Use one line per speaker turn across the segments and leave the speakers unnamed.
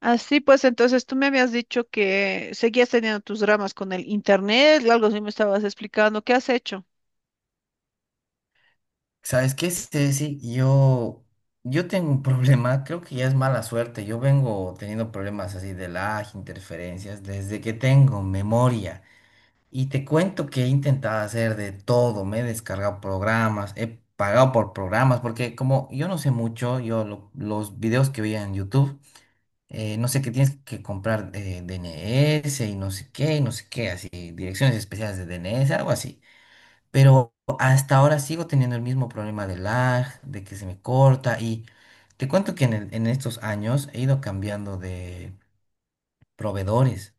Así pues, entonces tú me habías dicho que seguías teniendo tus dramas con el internet, algo así me estabas explicando. ¿Qué has hecho?
¿Sabes qué, Ceci? Yo tengo un problema, creo que ya es mala suerte. Yo vengo teniendo problemas así de lag, interferencias, desde que tengo memoria. Y te cuento que he intentado hacer de todo, me he descargado programas, he pagado por programas, porque como yo no sé mucho, los videos que veía en YouTube, no sé qué tienes que comprar D N S y no sé qué, y no sé qué, así, direcciones especiales de D N S algo así. Pero hasta ahora sigo teniendo el mismo problema de lag, de que se me corta y te cuento que en estos años he ido cambiando de proveedores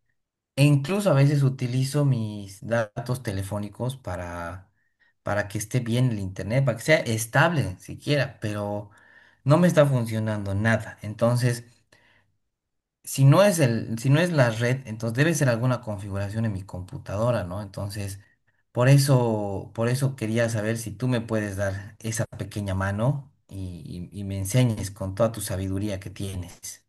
e incluso a veces utilizo mis datos telefónicos para que esté bien el internet, para que sea estable siquiera, pero no me está funcionando nada. Entonces si no es la red, entonces debe ser alguna configuración en mi computadora, ¿no? Entonces, por eso quería saber si tú me puedes dar esa pequeña mano y me enseñes con toda tu sabiduría que tienes.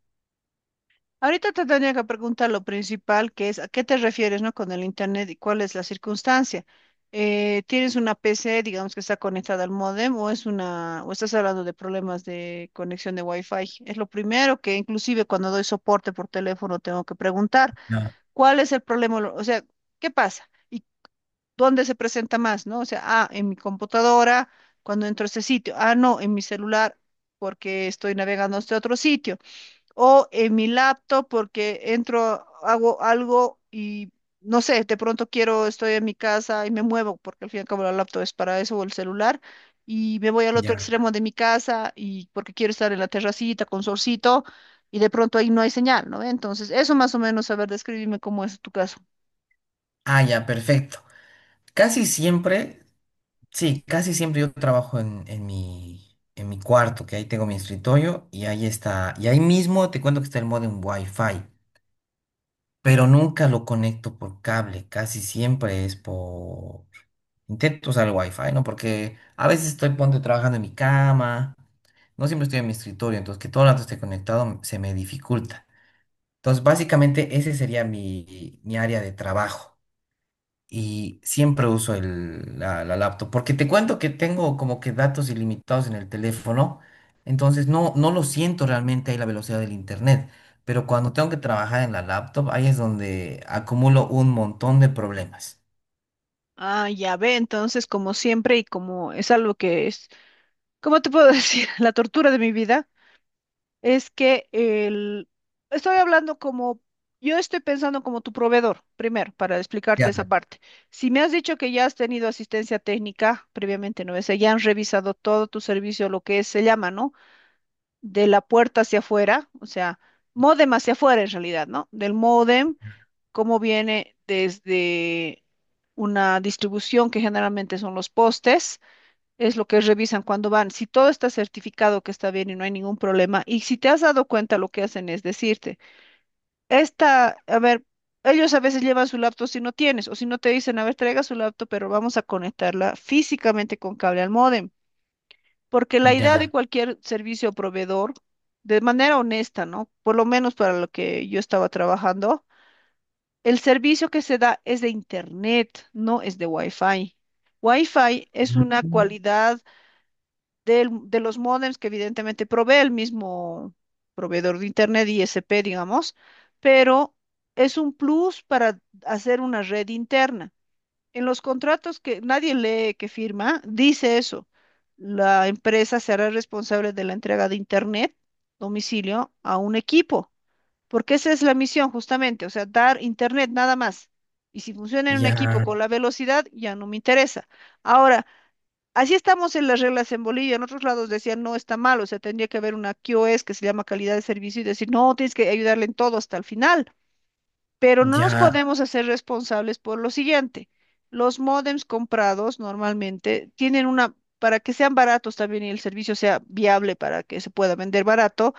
Ahorita te tenía que preguntar lo principal, que es a qué te refieres, ¿no? Con el internet y cuál es la circunstancia. ¿Tienes una PC, digamos, que está conectada al módem o es una o estás hablando de problemas de conexión de Wi-Fi? Es lo primero que inclusive cuando doy soporte por teléfono tengo que preguntar,
Ya,
¿cuál es el problema? O sea, ¿qué pasa? ¿Y dónde se presenta más, no? O sea, en mi computadora, cuando entro a este sitio. Ah, no, en mi celular, porque estoy navegando a este otro sitio. O en mi laptop, porque entro, hago algo y, no sé, de pronto quiero, estoy en mi casa y me muevo, porque al fin y al cabo la laptop es para eso, o el celular. Y me voy al otro
ya.
extremo de mi casa y porque quiero estar en la terracita con solcito y de pronto ahí no hay señal, ¿no? Entonces, eso más o menos, a ver, describime cómo es tu caso.
Ah, ya, perfecto. Casi siempre, sí, casi siempre yo trabajo en mi cuarto, que ahí tengo mi escritorio y ahí está, y ahí mismo te cuento que está el modem Wi-Fi. Pero nunca lo conecto por cable, casi siempre es por... Intento usar el wifi, ¿no? Porque a veces estoy, ponte, trabajando en mi cama, no siempre estoy en mi escritorio, entonces que todo el rato esté conectado se me dificulta. Entonces, básicamente ese sería mi área de trabajo y siempre uso la laptop, porque te cuento que tengo como que datos ilimitados en el teléfono, entonces no lo siento realmente ahí la velocidad del internet, pero cuando tengo que trabajar en la laptop, ahí es donde acumulo un montón de problemas.
Ah, ya ve, entonces como siempre y como es algo que es, ¿cómo te puedo decir? La tortura de mi vida es que el, estoy hablando como, yo estoy pensando como tu proveedor, primero, para explicarte
Ya.
esa parte. Si me has dicho que ya has tenido asistencia técnica previamente, ¿no? Es ya han revisado todo tu servicio, se llama, ¿no? De la puerta hacia afuera, o sea, módem hacia afuera en realidad, ¿no? Del módem cómo viene desde una distribución que generalmente son los postes, es lo que revisan cuando van. Si todo está certificado que está bien y no hay ningún problema, y si te has dado cuenta, lo que hacen es decirte, esta, a ver, ellos a veces llevan su laptop si no tienes, o si no te dicen, a ver, traiga su laptop, pero vamos a conectarla físicamente con cable al módem, porque la idea de
Ya,
cualquier servicio o proveedor, de manera honesta, ¿no? Por lo menos para lo que yo estaba trabajando el servicio que se da es de internet, no es de Wi-Fi. Wi-Fi es una
mm.
cualidad de los módems que evidentemente provee el mismo proveedor de internet, ISP, digamos, pero es un plus para hacer una red interna. En los contratos que nadie lee, que firma, dice eso. La empresa será responsable de la entrega de internet, domicilio, a un equipo. Porque esa es la misión justamente, o sea, dar internet nada más. Y si funciona en un equipo
Ya,
con la velocidad, ya no me interesa. Ahora, así estamos en las reglas en Bolivia. En otros lados decían, no, está mal, o sea, tendría que haber una QoS que se llama calidad de servicio y decir, no, tienes que ayudarle en todo hasta el final. Pero no nos
ya.
podemos hacer responsables por lo siguiente. Los módems comprados normalmente tienen una, para que sean baratos también y el servicio sea viable para que se pueda vender barato,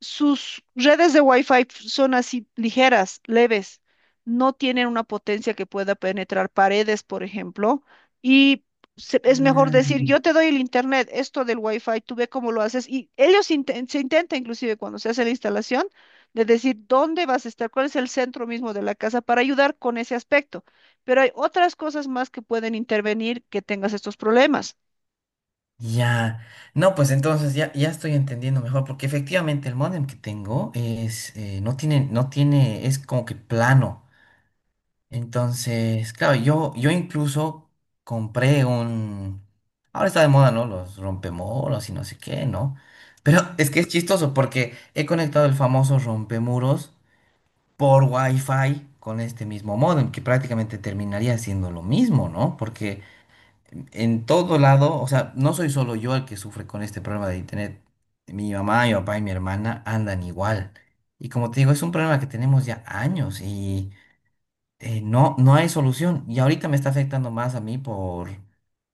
sus redes de Wi-Fi son así ligeras, leves, no tienen una potencia que pueda penetrar paredes, por ejemplo, y es mejor decir,
Mm.
yo te doy el internet, esto del Wi-Fi, tú ve cómo lo haces, y se intenta inclusive cuando se hace la instalación de decir dónde vas a estar, cuál es el centro mismo de la casa para ayudar con ese aspecto, pero hay otras cosas más que pueden intervenir que tengas estos problemas.
Ya, no, pues entonces ya, ya estoy entendiendo mejor, porque efectivamente el módem que tengo es, no tiene, es como que plano. Entonces, claro, yo incluso compré un... Ahora está de moda, ¿no? Los rompemuros y no sé qué, ¿no? Pero es que es chistoso porque he conectado el famoso rompemuros por Wi-Fi con este mismo modem, que prácticamente terminaría siendo lo mismo, ¿no? Porque en todo lado, o sea, no soy solo yo el que sufre con este problema de internet. Mi mamá, mi papá y mi hermana andan igual. Y como te digo, es un problema que tenemos ya años, no hay solución. Y ahorita me está afectando más a mí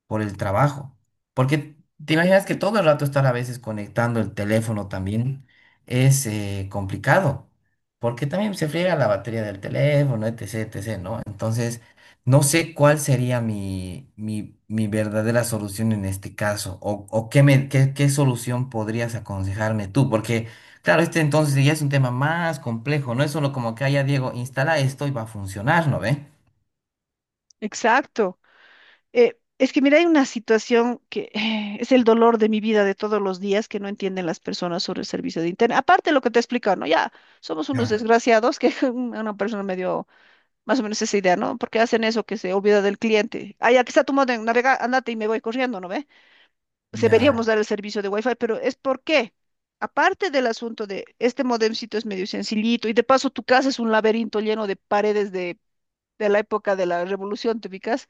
por el trabajo. Porque te imaginas que todo el rato estar a veces conectando el teléfono también es complicado, porque también se friega la batería del teléfono, etc., etc., ¿no? Entonces, no sé cuál sería mi verdadera solución en este caso, o qué, qué solución podrías aconsejarme tú, porque, claro, este entonces ya es un tema más complejo, no es solo como que, ah, ya Diego, instala esto y va a funcionar, ¿no ve?
Exacto. Es que mira, hay una situación que es el dolor de mi vida de todos los días que no entienden las personas sobre el servicio de internet. Aparte de lo que te he explicado, ¿no? Ya somos unos
Ya,
desgraciados que una persona me dio más o menos esa idea, ¿no? Porque hacen eso que se olvida del cliente. Ah, aquí está tu modem, navega, andate y me voy corriendo, ¿no ve? Se
ya,
deberíamos dar el servicio de Wi-Fi, pero es porque, aparte del asunto de este modemcito es medio sencillito y de paso tu casa es un laberinto lleno de paredes de la época de la revolución, ¿te ubicas?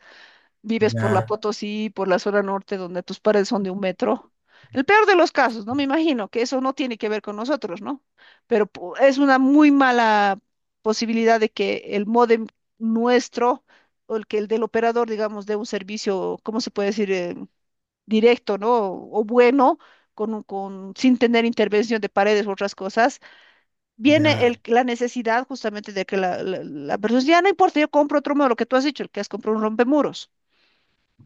Vives por la
ya,
Potosí, por la zona norte, donde tus paredes son de un metro. El peor de los casos, ¿no? Me imagino que eso no tiene que ver con nosotros, ¿no? Es una muy mala posibilidad de que el módem nuestro o el que el del operador, digamos, dé un servicio, ¿cómo se puede decir? Directo, ¿no? O bueno, con, con, sin tener intervención de paredes u otras cosas. Viene
ya,
el, la necesidad justamente de que la persona dice, ya no importa, yo compro otro modelo, lo que tú has dicho, el que has comprado un rompemuros.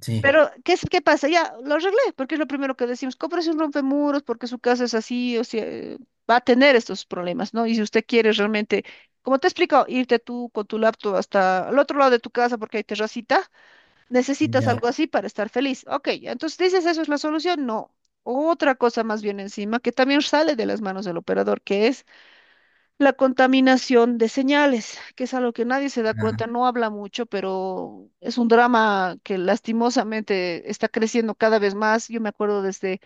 sí.
Pero, ¿qué, qué pasa? Ya, lo arreglé, porque es lo primero que decimos. Cómprese un rompemuros porque su casa es así, o sea, va a tener estos problemas, ¿no? Y si usted quiere realmente, como te he explicado, irte tú con tu laptop hasta el otro lado de tu casa porque hay terracita, necesitas
Ya,
algo así para estar feliz. Ok, ya, entonces dices, ¿eso es la solución? No. Otra cosa más bien encima que también sale de las manos del operador, que es la contaminación de señales, que es algo que nadie se da
ya,
cuenta, no habla mucho, pero es un drama que lastimosamente está creciendo cada vez más. Yo me acuerdo desde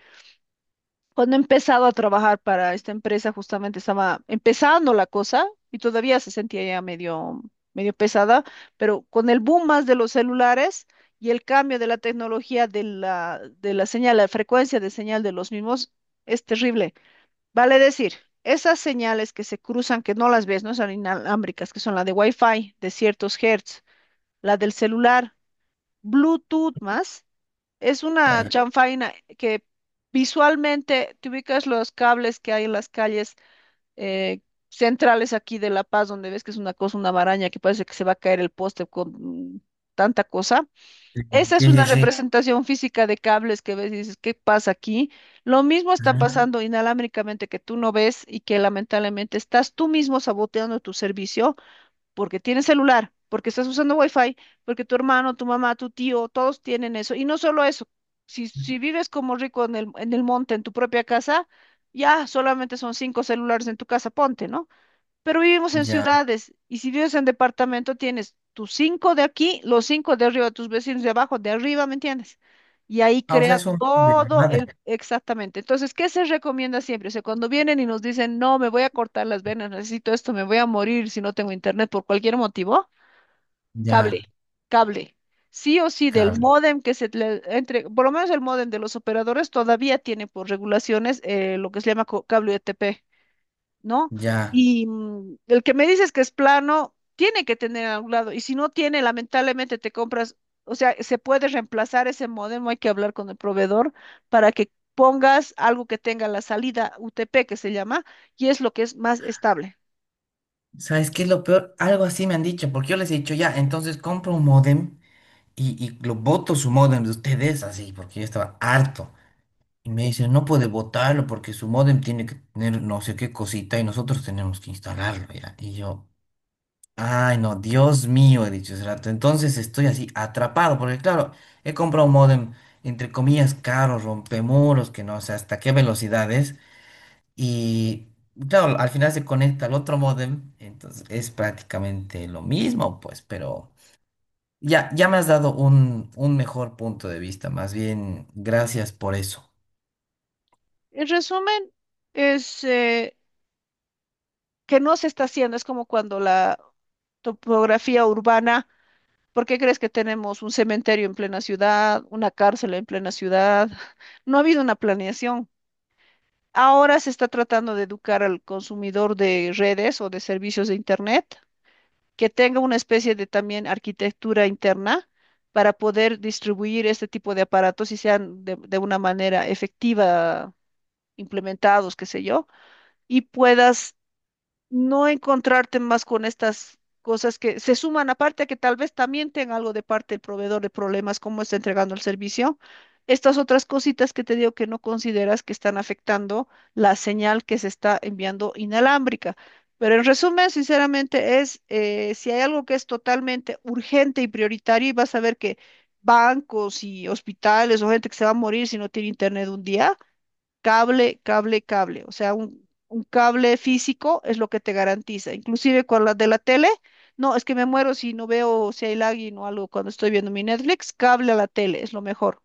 cuando he empezado a trabajar para esta empresa, justamente estaba empezando la cosa y todavía se sentía ya medio, medio pesada, pero con el boom más de los celulares y el cambio de la tecnología de la señal, la frecuencia de señal de los mismos, es terrible. Vale decir, esas señales que se cruzan, que no las ves, no son inalámbricas, que son la de Wi-Fi de ciertos hertz, la del celular, Bluetooth más, es
está
una
bien.
chanfaina que visualmente te ubicas los cables que hay en las calles, eh, centrales aquí de La Paz, donde ves que es una cosa, una maraña que parece que se va a caer el poste con tanta cosa.
Sí,
Esa es una
sí, sí.
representación física de cables que ves y dices, ¿qué pasa aquí? Lo mismo está
Ah,
pasando inalámbricamente que tú no ves y que lamentablemente estás tú mismo saboteando tu servicio porque tienes celular, porque estás usando wifi, porque tu hermano, tu mamá, tu tío, todos tienen eso. Y no solo eso, si, si vives como rico en el monte, en tu propia casa, ya solamente son cinco celulares en tu casa, ponte, ¿no? Pero vivimos en
ya.
ciudades y si vives en departamento tienes tus cinco de aquí, los cinco de arriba, tus vecinos de abajo, de arriba, ¿me entiendes? Y ahí
Ah, o sea,
crea
es un
todo el...
desmadre.
Exactamente. Entonces, ¿qué se recomienda siempre? O sea, cuando vienen y nos dicen, no, me voy a cortar las venas, necesito esto, me voy a morir si no tengo internet por cualquier motivo, cable,
Ya,
cable. Sí o sí, del
cable.
módem que se le entre, por lo menos el módem de los operadores todavía tiene por regulaciones lo que se llama cable UTP. ¿No?
Ya.
Y el que me dices que es plano, tiene que tener en algún lado, y si no tiene, lamentablemente te compras, o sea, se puede reemplazar ese modem, hay que hablar con el proveedor para que pongas algo que tenga la salida UTP, que se llama, y es lo que es más estable.
¿Sabes qué es lo peor? Algo así me han dicho, porque yo les he dicho, ya, entonces compro un módem y lo voto su módem de ustedes así, porque yo estaba harto. Y me dicen, no puede votarlo porque su módem tiene que tener no sé qué cosita y nosotros tenemos que instalarlo, ya. Y yo, ay, no, Dios mío, he dicho hace rato. Entonces estoy así atrapado, porque claro, he comprado un módem, entre comillas, caro, rompemuros, que no sé hasta qué velocidades. Y claro, al final se conecta al otro módem, entonces es prácticamente lo mismo, pues, pero ya, ya me has dado un mejor punto de vista. Más bien, gracias por eso.
En resumen, es que no se está haciendo, es como cuando la topografía urbana... ¿Por qué crees que tenemos un cementerio en plena ciudad, una cárcel en plena ciudad? No ha habido una planeación. Ahora se está tratando de educar al consumidor de redes o de servicios de internet, que tenga una especie de también arquitectura interna para poder distribuir este tipo de aparatos y sean de una manera efectiva implementados, qué sé yo, y puedas no encontrarte más con estas cosas que se suman, aparte que tal vez también tenga algo de parte del proveedor de problemas, cómo está entregando el servicio. Estas otras cositas que te digo que no consideras que están afectando la señal que se está enviando inalámbrica. Pero en resumen, sinceramente, es si hay algo que es totalmente urgente y prioritario, y vas a ver que bancos y hospitales o gente que se va a morir si no tiene internet un día, cable, cable, cable. O sea, un cable físico es lo que te garantiza. Inclusive con la de la tele, no, es que me muero si no veo si hay lagging o algo cuando estoy viendo mi Netflix. Cable a la tele es lo mejor.